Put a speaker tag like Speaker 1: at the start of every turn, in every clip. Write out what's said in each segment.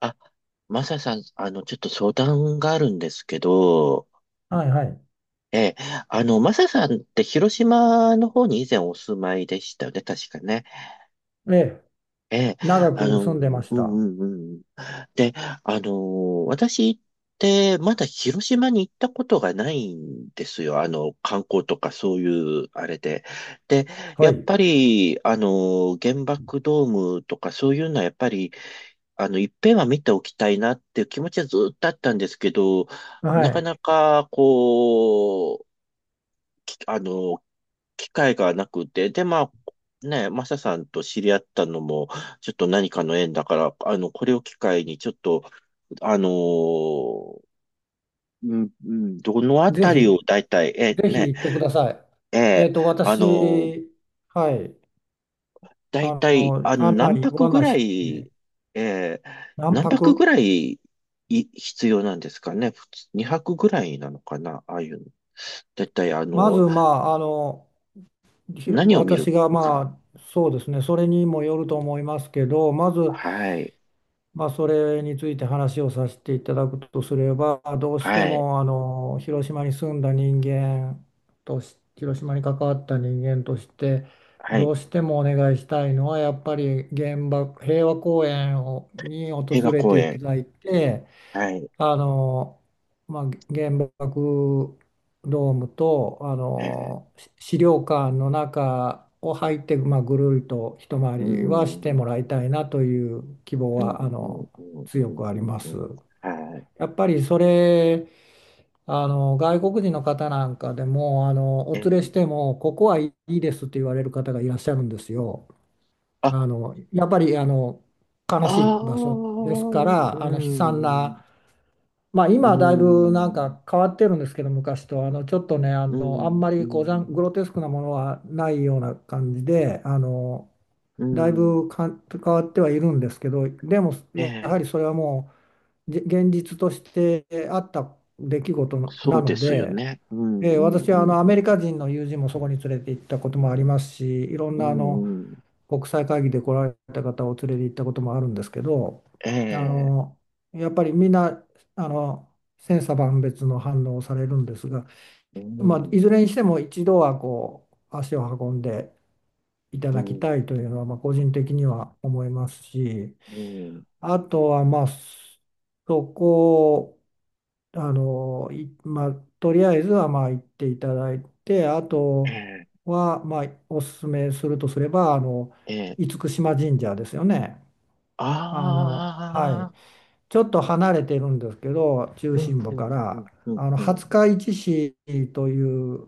Speaker 1: あ、マサさん、ちょっと相談があるんですけど、
Speaker 2: はいはい。
Speaker 1: ええ、マサさんって広島の方に以前お住まいでしたよね、確かね。
Speaker 2: ええ、
Speaker 1: ええ、
Speaker 2: 長く
Speaker 1: う
Speaker 2: 住んで
Speaker 1: ん
Speaker 2: ました。
Speaker 1: うんうん。で、私ってまだ広島に行ったことがないんですよ。観光とかそういうあれで。で、や
Speaker 2: は
Speaker 1: っ
Speaker 2: い。
Speaker 1: ぱり、原爆ドームとかそういうのはやっぱりいっぺんは見ておきたいなっていう気持ちはずっとあったんですけど、
Speaker 2: は
Speaker 1: なか
Speaker 2: い。
Speaker 1: なか、こう、きあの、機会がなくて、で、まあ、ね、マサさんと知り合ったのも、ちょっと何かの縁だから、これを機会に、ちょっと、あのーうん、うんどのあ
Speaker 2: ぜ
Speaker 1: たりを
Speaker 2: ひ、
Speaker 1: 大体、え、
Speaker 2: ぜひ
Speaker 1: ね、
Speaker 2: 行ってください。
Speaker 1: ええあのー
Speaker 2: 私、はい、
Speaker 1: だいたい、何
Speaker 2: ご
Speaker 1: 泊
Speaker 2: 案
Speaker 1: ぐ
Speaker 2: 内
Speaker 1: ら
Speaker 2: して、
Speaker 1: い、えー、
Speaker 2: 何
Speaker 1: 何泊ぐ
Speaker 2: 泊。
Speaker 1: らい、必要なんですかね。普通、2泊ぐらいなのかな。ああいうの。だいたい、
Speaker 2: まず、まあ、
Speaker 1: 何を見る
Speaker 2: 私が、
Speaker 1: か。
Speaker 2: まあ、そうですね、それにもよると思いますけど、まず、
Speaker 1: はい。
Speaker 2: まあ、それについて話をさせていただくとすれば、どうして
Speaker 1: はい。
Speaker 2: も広島に住んだ人間とし、広島に関わった人間として、
Speaker 1: は
Speaker 2: ど
Speaker 1: い。
Speaker 2: うしてもお願いしたいのは、やっぱり平和公園をに訪
Speaker 1: 平和
Speaker 2: れ
Speaker 1: 公
Speaker 2: ていた
Speaker 1: 園。
Speaker 2: だいて、
Speaker 1: はい。
Speaker 2: あの、まあ、原爆ドームとあ
Speaker 1: えー、
Speaker 2: のし資料館の中を入って、まあ、ぐるりと一回りはしても
Speaker 1: ん。
Speaker 2: らいたいなという希望
Speaker 1: う
Speaker 2: は
Speaker 1: ん、うん、うん、う
Speaker 2: 強
Speaker 1: ん、
Speaker 2: くあ
Speaker 1: う
Speaker 2: りま
Speaker 1: ん。う
Speaker 2: す。
Speaker 1: んはい。
Speaker 2: やっぱりそれあの外国人の方なんかでも
Speaker 1: え
Speaker 2: お連れし
Speaker 1: ー、
Speaker 2: てもここはいいですって言われる方がいらっしゃるんですよ。
Speaker 1: あ、
Speaker 2: やっぱり悲し
Speaker 1: あ
Speaker 2: い
Speaker 1: あ、う
Speaker 2: 場所ですか
Speaker 1: ん、う
Speaker 2: らあの悲惨
Speaker 1: ん、
Speaker 2: なまあ、
Speaker 1: う
Speaker 2: 今はだいぶなん
Speaker 1: ん、
Speaker 2: か変わってるんですけど、昔と、ちょっとね、
Speaker 1: う
Speaker 2: あん
Speaker 1: ん、
Speaker 2: まりこうグロテスクなものはないような感じで、
Speaker 1: う
Speaker 2: だい
Speaker 1: ん。
Speaker 2: ぶかん変わってはいるんですけど、でもや
Speaker 1: ええ
Speaker 2: はりそれはもう、現実としてあった出来事
Speaker 1: そ
Speaker 2: な
Speaker 1: うで
Speaker 2: の
Speaker 1: すよ
Speaker 2: で、
Speaker 1: ね。うん、
Speaker 2: ええ
Speaker 1: うん、
Speaker 2: 私
Speaker 1: う
Speaker 2: は
Speaker 1: ん、
Speaker 2: ア
Speaker 1: う
Speaker 2: メリ
Speaker 1: ん。
Speaker 2: カ人の友人もそこに連れて行ったこともありますし、いろん
Speaker 1: う
Speaker 2: な
Speaker 1: ん、うん。
Speaker 2: 国際会議で来られた方を連れて行ったこともあるんですけど、
Speaker 1: え
Speaker 2: あ
Speaker 1: え、
Speaker 2: のやっぱりみんなあの千差万別の反応をされるんですが、
Speaker 1: う
Speaker 2: まあ、
Speaker 1: ん、
Speaker 2: いずれにしても一度はこう足を運んでいた
Speaker 1: う
Speaker 2: だき
Speaker 1: ん、
Speaker 2: たいというのはまあ個人的には思いますし、
Speaker 1: うん。
Speaker 2: あとはまあそこあの、い、まあ、とりあえずはまあ行っていただいて、あ
Speaker 1: え
Speaker 2: と
Speaker 1: え、
Speaker 2: はまあおすすめするとすれば、
Speaker 1: ええ。
Speaker 2: 厳島神社ですよね。はい。
Speaker 1: ああ、
Speaker 2: ちょっと離れてるんですけど、中
Speaker 1: うん、
Speaker 2: 心部
Speaker 1: うん、
Speaker 2: か
Speaker 1: う
Speaker 2: ら、
Speaker 1: ん、うん、う
Speaker 2: 廿
Speaker 1: ん。
Speaker 2: 日市市という、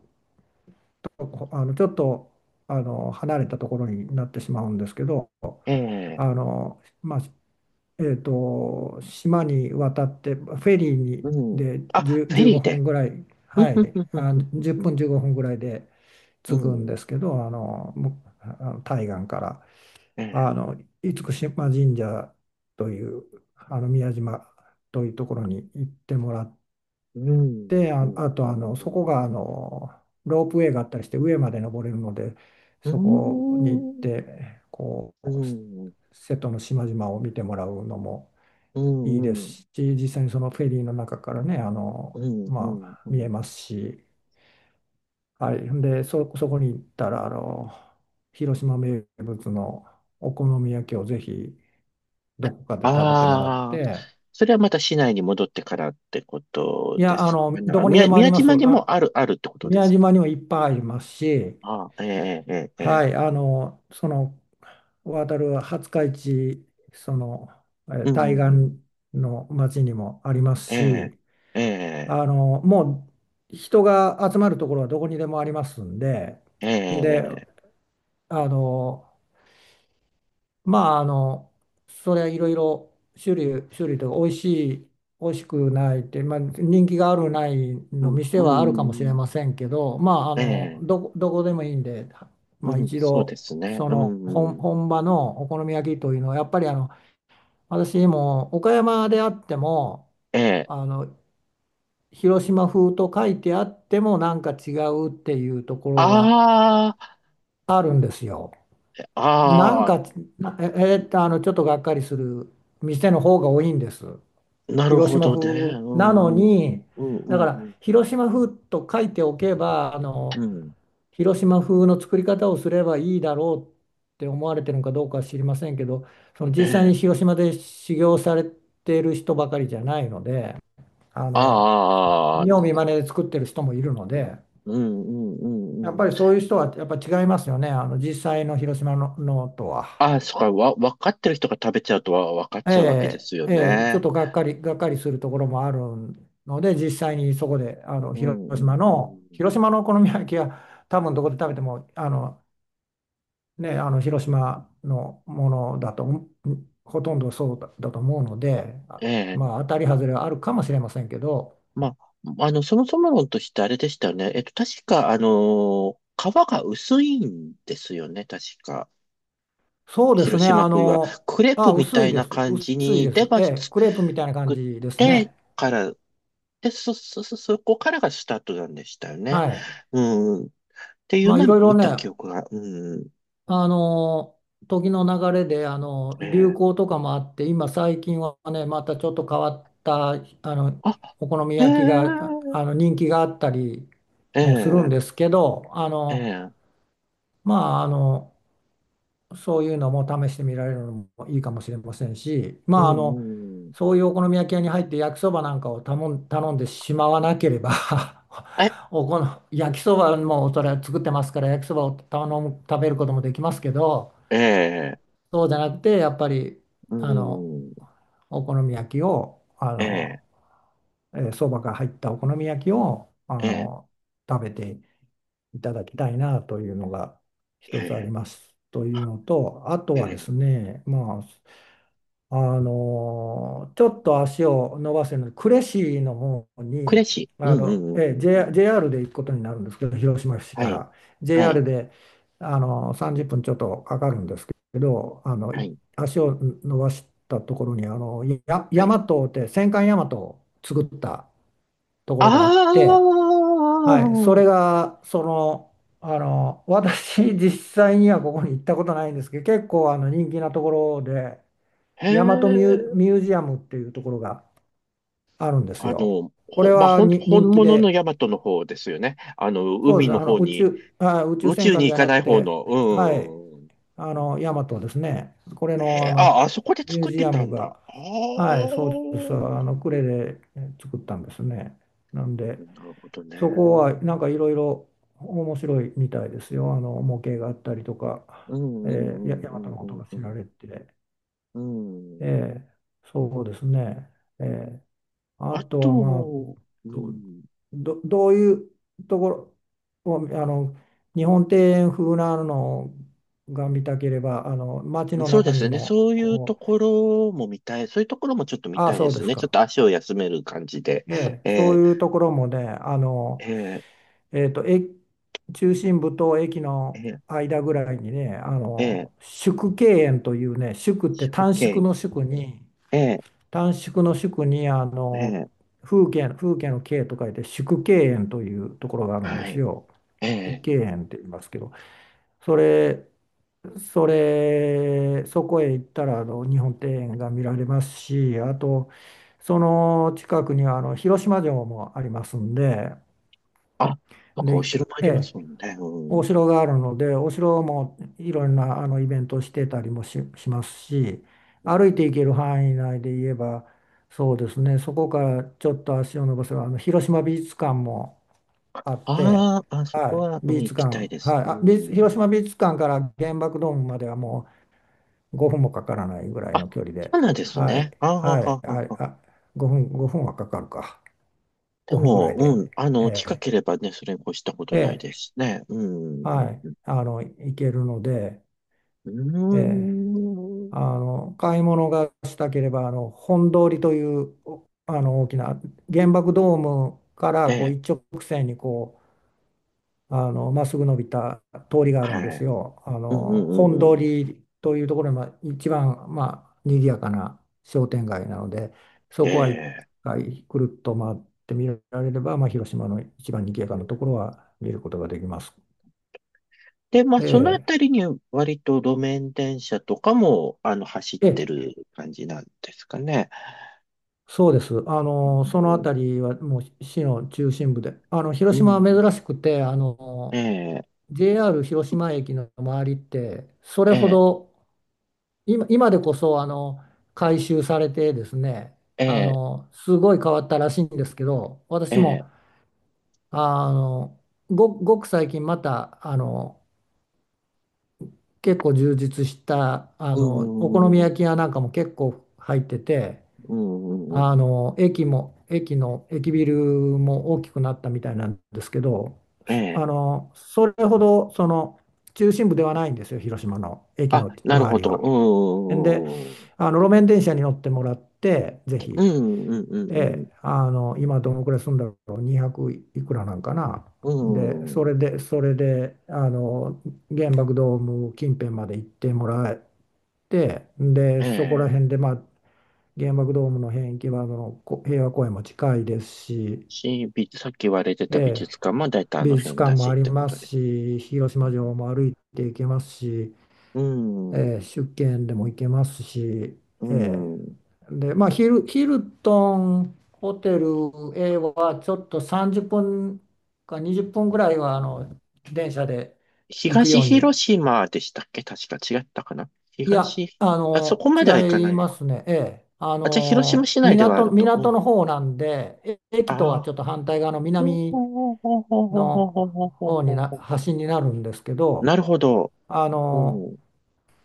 Speaker 2: ちょっと、離れたところになってしまうんですけど、
Speaker 1: ええ、
Speaker 2: まあ、島に渡ってフェリー
Speaker 1: う
Speaker 2: に
Speaker 1: ん。
Speaker 2: で
Speaker 1: あ、
Speaker 2: 10、
Speaker 1: フェリー
Speaker 2: 1分
Speaker 1: で。
Speaker 2: ぐらい、
Speaker 1: うん、
Speaker 2: は
Speaker 1: うん、
Speaker 2: い、あ、1
Speaker 1: うん、
Speaker 2: 分15分ぐらいで
Speaker 1: う
Speaker 2: 着
Speaker 1: ん、うん。う
Speaker 2: くん
Speaker 1: んう
Speaker 2: で
Speaker 1: ん
Speaker 2: すけど、あ対岸から、
Speaker 1: ええ、
Speaker 2: あの、厳島神社という、宮島というところに行ってもらっ
Speaker 1: うん、
Speaker 2: て、
Speaker 1: うん、
Speaker 2: あと、そこが、
Speaker 1: う
Speaker 2: ロープウェイがあったりして上まで登れるので、
Speaker 1: ん、う
Speaker 2: そこに行っ
Speaker 1: ん。うーん、
Speaker 2: て、こ
Speaker 1: う
Speaker 2: う、
Speaker 1: ん、
Speaker 2: 瀬戸の島々を見てもらうのも、
Speaker 1: う
Speaker 2: いいで
Speaker 1: ん、
Speaker 2: すし、実際にそのフェリーの中からね、
Speaker 1: うん、う
Speaker 2: ま
Speaker 1: ん、
Speaker 2: あ、
Speaker 1: う
Speaker 2: 見
Speaker 1: ん、う
Speaker 2: え
Speaker 1: ん。
Speaker 2: ますし、はい。で、そこに行ったら、広島名物のお好み焼きをぜひどこかで食べてもらっ
Speaker 1: ああ、
Speaker 2: て、
Speaker 1: それはまた市内に戻ってからってこ
Speaker 2: い
Speaker 1: とで
Speaker 2: や、
Speaker 1: すかね。
Speaker 2: ど
Speaker 1: あ、
Speaker 2: こにで
Speaker 1: 宮、
Speaker 2: もあり
Speaker 1: 宮
Speaker 2: ます。
Speaker 1: 島にもあるってことで
Speaker 2: 宮
Speaker 1: す。
Speaker 2: 島にもいっぱいありますし、
Speaker 1: ああ、ええ、ええ、え
Speaker 2: は
Speaker 1: え、
Speaker 2: い、渡る廿日市、その、
Speaker 1: う
Speaker 2: 対
Speaker 1: ん、
Speaker 2: 岸の町にもあります
Speaker 1: ええ、
Speaker 2: し、
Speaker 1: ええ、
Speaker 2: もう人が集まるところはどこにでもありますんで、
Speaker 1: え
Speaker 2: で、
Speaker 1: え、
Speaker 2: あの、まあ、それはいろいろ種類とか、美味しい、美味しくないって、まあ、人気があるないの
Speaker 1: うん、
Speaker 2: 店はあるかもし
Speaker 1: う
Speaker 2: れ
Speaker 1: ん
Speaker 2: ませんけど、まあ、
Speaker 1: ええ、
Speaker 2: どこでもいいんで、
Speaker 1: う
Speaker 2: まあ、
Speaker 1: ん、
Speaker 2: 一
Speaker 1: そうで
Speaker 2: 度、
Speaker 1: すね。
Speaker 2: そ
Speaker 1: う
Speaker 2: の
Speaker 1: ん、
Speaker 2: 本場のお好み焼きというのは、やっぱり私も岡山であっても、
Speaker 1: ええ、
Speaker 2: あの広島風と書いてあってもなんか違うっていうところが
Speaker 1: あ
Speaker 2: あるんですよ。
Speaker 1: あ、
Speaker 2: なん
Speaker 1: ああ、
Speaker 2: か、なえ、えと、ちょっとがっかりする店の方が多いんです。
Speaker 1: なる
Speaker 2: 広
Speaker 1: ほ
Speaker 2: 島
Speaker 1: ど
Speaker 2: 風
Speaker 1: ね。う
Speaker 2: なの
Speaker 1: ん、うん、
Speaker 2: に、
Speaker 1: う
Speaker 2: だ
Speaker 1: ん、
Speaker 2: か
Speaker 1: う
Speaker 2: ら
Speaker 1: ん、
Speaker 2: 広島風と書いておけば、
Speaker 1: うん、
Speaker 2: 広島風の作り方をすればいいだろうって思われてるのかどうかは知りませんけど、その
Speaker 1: え
Speaker 2: 実際に
Speaker 1: え、
Speaker 2: 広島で修行されている人ばかりじゃないので、あの、
Speaker 1: ああ、
Speaker 2: 見
Speaker 1: うん、
Speaker 2: よう見まねで作ってる人もいるので、
Speaker 1: うん、うん、う
Speaker 2: やっ
Speaker 1: ん。
Speaker 2: ぱりそういう人はやっぱ違いますよね、実際の広島の、のとは。
Speaker 1: あ、そっか、分かってる人が食べちゃうとは分かっ
Speaker 2: え
Speaker 1: ちゃうわけで
Speaker 2: え
Speaker 1: すよ
Speaker 2: ええちょっ
Speaker 1: ね。
Speaker 2: とがっかり、がっかりするところもあるので、実際にそこで
Speaker 1: うんうんうん。
Speaker 2: 広島のお好み焼きは多分どこで食べても、ね、広島のものだと、うんほとんどだと思うので、
Speaker 1: ええ。
Speaker 2: まあ当たり外れはあるかもしれませんけど、
Speaker 1: まあ、そもそも論としてあれでしたよね。確か、皮が薄いんですよね、確か。
Speaker 2: そうです
Speaker 1: 広
Speaker 2: ね、
Speaker 1: 島風は。クレープみ
Speaker 2: 薄
Speaker 1: た
Speaker 2: い
Speaker 1: い
Speaker 2: で
Speaker 1: な
Speaker 2: す、
Speaker 1: 感じ
Speaker 2: 薄い
Speaker 1: に、
Speaker 2: で
Speaker 1: で、
Speaker 2: す、
Speaker 1: ま
Speaker 2: え
Speaker 1: ず
Speaker 2: え、クレープ
Speaker 1: 作
Speaker 2: みたいな感
Speaker 1: っ
Speaker 2: じです
Speaker 1: て
Speaker 2: ね。
Speaker 1: から、で、そこからがスタートなんでしたよね。
Speaker 2: はい。
Speaker 1: うん。っていう
Speaker 2: まあい
Speaker 1: のは
Speaker 2: ろいろ
Speaker 1: 見
Speaker 2: ね、
Speaker 1: た記憶が。うん。
Speaker 2: あの、時の流れで、
Speaker 1: え
Speaker 2: 流
Speaker 1: え。
Speaker 2: 行とかもあって、今最近はね、またちょっと変わった、あの、
Speaker 1: あ、
Speaker 2: お好み
Speaker 1: え
Speaker 2: 焼きが、
Speaker 1: え、
Speaker 2: 人気があったり
Speaker 1: え
Speaker 2: もするん
Speaker 1: え、
Speaker 2: ですけど、
Speaker 1: ええ。
Speaker 2: まあ、そういうのも試してみられるのもいいかもしれませんし、ま
Speaker 1: う
Speaker 2: あ、
Speaker 1: んうん
Speaker 2: そういうお好み焼き屋に入って焼きそばなんかを頼んでしまわなければ
Speaker 1: え、
Speaker 2: おこの焼きそばもそれは作ってますから焼きそばを頼む、食べることもできますけど、
Speaker 1: ええ、
Speaker 2: そうじゃなくてやっぱり
Speaker 1: う
Speaker 2: あの
Speaker 1: んうん
Speaker 2: お好み焼きを
Speaker 1: ええ、
Speaker 2: そばが入ったお好み焼きを
Speaker 1: ええ、
Speaker 2: 食べていただきたいなというのが一つありますというのと、あと
Speaker 1: ええ、
Speaker 2: はで
Speaker 1: え
Speaker 2: すね、まあ、ちょっと足を伸ばせるので、呉市の方に、
Speaker 1: しいうんうんうんうんう ん
Speaker 2: JR で行くことになるんですけど、広島市
Speaker 1: は
Speaker 2: か
Speaker 1: い、
Speaker 2: ら
Speaker 1: はい、
Speaker 2: JR で30分ちょっとかかるんですけど、
Speaker 1: はい、
Speaker 2: 足を伸ばしたところに、大
Speaker 1: は
Speaker 2: 和
Speaker 1: い。
Speaker 2: って戦艦大和を作ったとこ
Speaker 1: あ
Speaker 2: ろがあって、はい、そ
Speaker 1: あ、
Speaker 2: れが、その、私、実際にはここに行ったことないんですけど、結構人気なところで、
Speaker 1: へ
Speaker 2: 大和ミュー、
Speaker 1: え、
Speaker 2: ミュージアムっていうところがあるんですよ。これ
Speaker 1: まあ、
Speaker 2: は
Speaker 1: ほん、
Speaker 2: に
Speaker 1: 本
Speaker 2: 人気
Speaker 1: 物の
Speaker 2: で、
Speaker 1: ヤマトの方ですよね。
Speaker 2: そうで
Speaker 1: 海
Speaker 2: すね
Speaker 1: の方に、
Speaker 2: 宇宙
Speaker 1: 宇
Speaker 2: 戦
Speaker 1: 宙に
Speaker 2: 艦じ
Speaker 1: 行
Speaker 2: ゃ
Speaker 1: か
Speaker 2: な
Speaker 1: な
Speaker 2: く
Speaker 1: い方
Speaker 2: て、
Speaker 1: の、
Speaker 2: はい、
Speaker 1: うん。
Speaker 2: 大和ですね、これ
Speaker 1: へ
Speaker 2: の、
Speaker 1: え、あ、あそこで
Speaker 2: ミュ
Speaker 1: 作
Speaker 2: ー
Speaker 1: っ
Speaker 2: ジ
Speaker 1: て
Speaker 2: ア
Speaker 1: た
Speaker 2: ム
Speaker 1: んだ。あ
Speaker 2: が、
Speaker 1: あ、
Speaker 2: はい、そうです、呉で作ったんですね。なん
Speaker 1: な
Speaker 2: で、
Speaker 1: るほどね。
Speaker 2: そこは
Speaker 1: う
Speaker 2: なんかいろいろ面白いみたいですよ。模型があったりとか、
Speaker 1: んうんう
Speaker 2: え
Speaker 1: ん
Speaker 2: 大
Speaker 1: う
Speaker 2: 和
Speaker 1: ん
Speaker 2: のこ
Speaker 1: う
Speaker 2: と
Speaker 1: ん
Speaker 2: が
Speaker 1: う
Speaker 2: 知ら
Speaker 1: ん
Speaker 2: れて、
Speaker 1: うん。
Speaker 2: えーそうですね、えーあ
Speaker 1: あ
Speaker 2: とはまあ
Speaker 1: と、う
Speaker 2: ど、
Speaker 1: ん。
Speaker 2: どういうところを日本庭園風なのが見たければ街の
Speaker 1: そうで
Speaker 2: 中に
Speaker 1: すね。そ
Speaker 2: も
Speaker 1: ういうと
Speaker 2: こう
Speaker 1: ころも見たい。そういうところもちょっと見
Speaker 2: ああ
Speaker 1: たい
Speaker 2: そ
Speaker 1: で
Speaker 2: う
Speaker 1: す
Speaker 2: です
Speaker 1: ね。ちょっ
Speaker 2: か、
Speaker 1: と足を休める感じで。
Speaker 2: ええ
Speaker 1: え
Speaker 2: そう
Speaker 1: ー、
Speaker 2: いうところもね
Speaker 1: えー、
Speaker 2: えっと、え、中心部と駅の
Speaker 1: え
Speaker 2: 間ぐらいにね、
Speaker 1: ー、えー、
Speaker 2: 縮景園というね、縮って短縮
Speaker 1: OK。
Speaker 2: の縮に、
Speaker 1: え
Speaker 2: 短縮の縮に、
Speaker 1: ー、えー、
Speaker 2: 風景、風景の景と書いて縮景園というところがあるんで
Speaker 1: は
Speaker 2: す
Speaker 1: い。
Speaker 2: よ。縮
Speaker 1: えー、
Speaker 2: 景園って言いますけど、それ、そこへ行ったら、日本庭園が見られますし、あと、その近くには、広島城もありますんで、
Speaker 1: あ、なんかお
Speaker 2: で、
Speaker 1: 城もあ
Speaker 2: え
Speaker 1: ります
Speaker 2: え
Speaker 1: もんね。う
Speaker 2: お
Speaker 1: ん。
Speaker 2: 城があるので、お城もいろんなイベントをしてたりもし、しますし、
Speaker 1: うん
Speaker 2: 歩いて行ける範囲内で言えば、そうですね、そこからちょっと足を伸ばせば、広島美術館もあって、
Speaker 1: あーあ、そ
Speaker 2: は
Speaker 1: こ
Speaker 2: い、
Speaker 1: は、う
Speaker 2: 美
Speaker 1: ん、
Speaker 2: 術
Speaker 1: 行
Speaker 2: 館、
Speaker 1: きたいです。
Speaker 2: はい、
Speaker 1: う
Speaker 2: あ、美術
Speaker 1: ん。
Speaker 2: 広島美術館から原爆ドームまではもう5分もかからないぐらい
Speaker 1: あ、
Speaker 2: の距離で、
Speaker 1: そうなんです
Speaker 2: はい、
Speaker 1: ね。あーは
Speaker 2: はい、
Speaker 1: はは
Speaker 2: はい、
Speaker 1: は。
Speaker 2: 5分はかかるか、
Speaker 1: で
Speaker 2: 5分ぐら
Speaker 1: も、
Speaker 2: い
Speaker 1: う
Speaker 2: で、
Speaker 1: ん、近
Speaker 2: え
Speaker 1: ければね、それに越したことないで
Speaker 2: えええ
Speaker 1: すね。うん、う
Speaker 2: は
Speaker 1: ん、
Speaker 2: い、
Speaker 1: うん。
Speaker 2: 行けるので、
Speaker 1: う
Speaker 2: ええ
Speaker 1: ーん。
Speaker 2: 買い物がしたければ本通りという大きな原爆ドームから
Speaker 1: え
Speaker 2: こう
Speaker 1: え、
Speaker 2: 一直線にこうまっすぐ伸びた通りがあるんで
Speaker 1: は
Speaker 2: す
Speaker 1: い。
Speaker 2: よ。
Speaker 1: うんうんう
Speaker 2: 本
Speaker 1: んう
Speaker 2: 通
Speaker 1: ん。
Speaker 2: りというところが一番、まあ、賑やかな商店街なので
Speaker 1: え
Speaker 2: そこは一
Speaker 1: え。
Speaker 2: 回くるっと回って見られれば、まあ、広島の一番賑や
Speaker 1: う
Speaker 2: かなところ
Speaker 1: ん
Speaker 2: は見ることができます。
Speaker 1: で、まあ、そのあ
Speaker 2: え
Speaker 1: たりに割と路面電車とかも、走っ
Speaker 2: え
Speaker 1: て
Speaker 2: ええ
Speaker 1: る感じなんですかね。
Speaker 2: そうです。そ
Speaker 1: う
Speaker 2: のあ
Speaker 1: ん。
Speaker 2: たりはもう市の中心部で、広
Speaker 1: う
Speaker 2: 島は
Speaker 1: ん。
Speaker 2: 珍しくて、
Speaker 1: ええ、
Speaker 2: JR 広島駅の周りって、それ
Speaker 1: え
Speaker 2: ほ
Speaker 1: え、
Speaker 2: ど、今でこそ、改修されてですね、
Speaker 1: ええ、
Speaker 2: すごい変わったらしいんですけど、
Speaker 1: え
Speaker 2: 私
Speaker 1: え。
Speaker 2: も、あの、ごく最近また、結構充実した、
Speaker 1: う
Speaker 2: お好み
Speaker 1: んうん
Speaker 2: 焼き屋なんかも結構入ってて、
Speaker 1: うんうんうんうん
Speaker 2: 駅ビルも大きくなったみたいなんですけど、
Speaker 1: え
Speaker 2: そあ
Speaker 1: え。
Speaker 2: のそれほどその中心部ではないんですよ、広島の駅
Speaker 1: あ、
Speaker 2: の
Speaker 1: なる
Speaker 2: 周
Speaker 1: ほ
Speaker 2: り
Speaker 1: ど。
Speaker 2: は。で、
Speaker 1: うん
Speaker 2: 路面電車に乗ってもらって、ぜ
Speaker 1: う
Speaker 2: ひ、
Speaker 1: んうんうん。うん
Speaker 2: え
Speaker 1: うんん
Speaker 2: え今どのくらい住んだろう、200いくらなんかな。
Speaker 1: う
Speaker 2: で、
Speaker 1: ん
Speaker 2: それで、原爆ドーム近辺まで行ってもらって、で、
Speaker 1: え
Speaker 2: そこら
Speaker 1: え。
Speaker 2: 辺で、まあ、原爆ドームの辺行けばあのこ平和公園も近いですし、
Speaker 1: さっき言われて
Speaker 2: え
Speaker 1: た美
Speaker 2: え、
Speaker 1: 術館も大体あ
Speaker 2: 美
Speaker 1: の
Speaker 2: 術
Speaker 1: 辺
Speaker 2: 館
Speaker 1: だ
Speaker 2: も
Speaker 1: し
Speaker 2: あ
Speaker 1: っ
Speaker 2: り
Speaker 1: てこ
Speaker 2: ま
Speaker 1: と
Speaker 2: す
Speaker 1: で
Speaker 2: し、広
Speaker 1: う
Speaker 2: 島
Speaker 1: ん、
Speaker 2: 城も歩いて行けますし、
Speaker 1: うん。
Speaker 2: ええ、出見でも行けますし、
Speaker 1: う
Speaker 2: え
Speaker 1: ん
Speaker 2: え、で、まあヒルトンホテル A はちょっと30分か20分ぐらいは電車で行く
Speaker 1: 東
Speaker 2: ように
Speaker 1: 広島でしたっけ確か違ったかな
Speaker 2: いや、
Speaker 1: あ、そこまでは行か
Speaker 2: 違
Speaker 1: な
Speaker 2: い
Speaker 1: いの
Speaker 2: ま
Speaker 1: か。
Speaker 2: すね。ええ。
Speaker 1: あ、じゃあ広島市内ではあると。
Speaker 2: 港の
Speaker 1: うん。
Speaker 2: 方なんで、
Speaker 1: あ
Speaker 2: 駅とはちょ
Speaker 1: あ。
Speaker 2: っと反対側の
Speaker 1: ほう
Speaker 2: 南
Speaker 1: ほうほうほうほうほう
Speaker 2: の
Speaker 1: ほうほうほう
Speaker 2: 方
Speaker 1: ほ
Speaker 2: に
Speaker 1: うほ
Speaker 2: 端になるんですけ
Speaker 1: う
Speaker 2: ど、
Speaker 1: なるほど。
Speaker 2: あ
Speaker 1: う
Speaker 2: の、
Speaker 1: ん。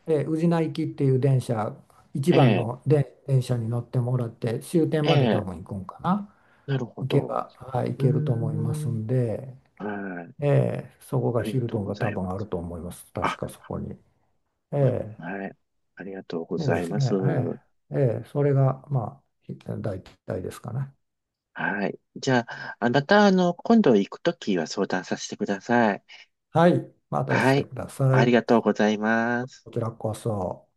Speaker 2: ええ、宇品行きっていう電車、一
Speaker 1: え
Speaker 2: 番
Speaker 1: え、
Speaker 2: ので電車に乗ってもらって、終点
Speaker 1: え
Speaker 2: まで多
Speaker 1: え、
Speaker 2: 分行くんかな。
Speaker 1: なるほ
Speaker 2: 行け
Speaker 1: ど。
Speaker 2: ば、はい、行
Speaker 1: うー
Speaker 2: けると思いますん
Speaker 1: ん。
Speaker 2: で、
Speaker 1: はい。
Speaker 2: ええ、そこ
Speaker 1: あ
Speaker 2: が
Speaker 1: り
Speaker 2: ヒ
Speaker 1: が
Speaker 2: ル
Speaker 1: とう
Speaker 2: トン
Speaker 1: ご
Speaker 2: が
Speaker 1: ざ
Speaker 2: 多
Speaker 1: いま
Speaker 2: 分ある
Speaker 1: す。
Speaker 2: と思います。確
Speaker 1: あ、
Speaker 2: かそこに。え
Speaker 1: ま
Speaker 2: え。
Speaker 1: はい。ありがとうご
Speaker 2: そう
Speaker 1: ざ
Speaker 2: で
Speaker 1: い
Speaker 2: す
Speaker 1: ます。
Speaker 2: ね。ええ、ええ、それが、まあ、大体ですかね。
Speaker 1: はい。じゃあ、あまた、今度行くときは相談させてください。
Speaker 2: はい。またし
Speaker 1: は
Speaker 2: て
Speaker 1: い。
Speaker 2: くださ
Speaker 1: あり
Speaker 2: い。
Speaker 1: がとうございます。
Speaker 2: こちらこそ。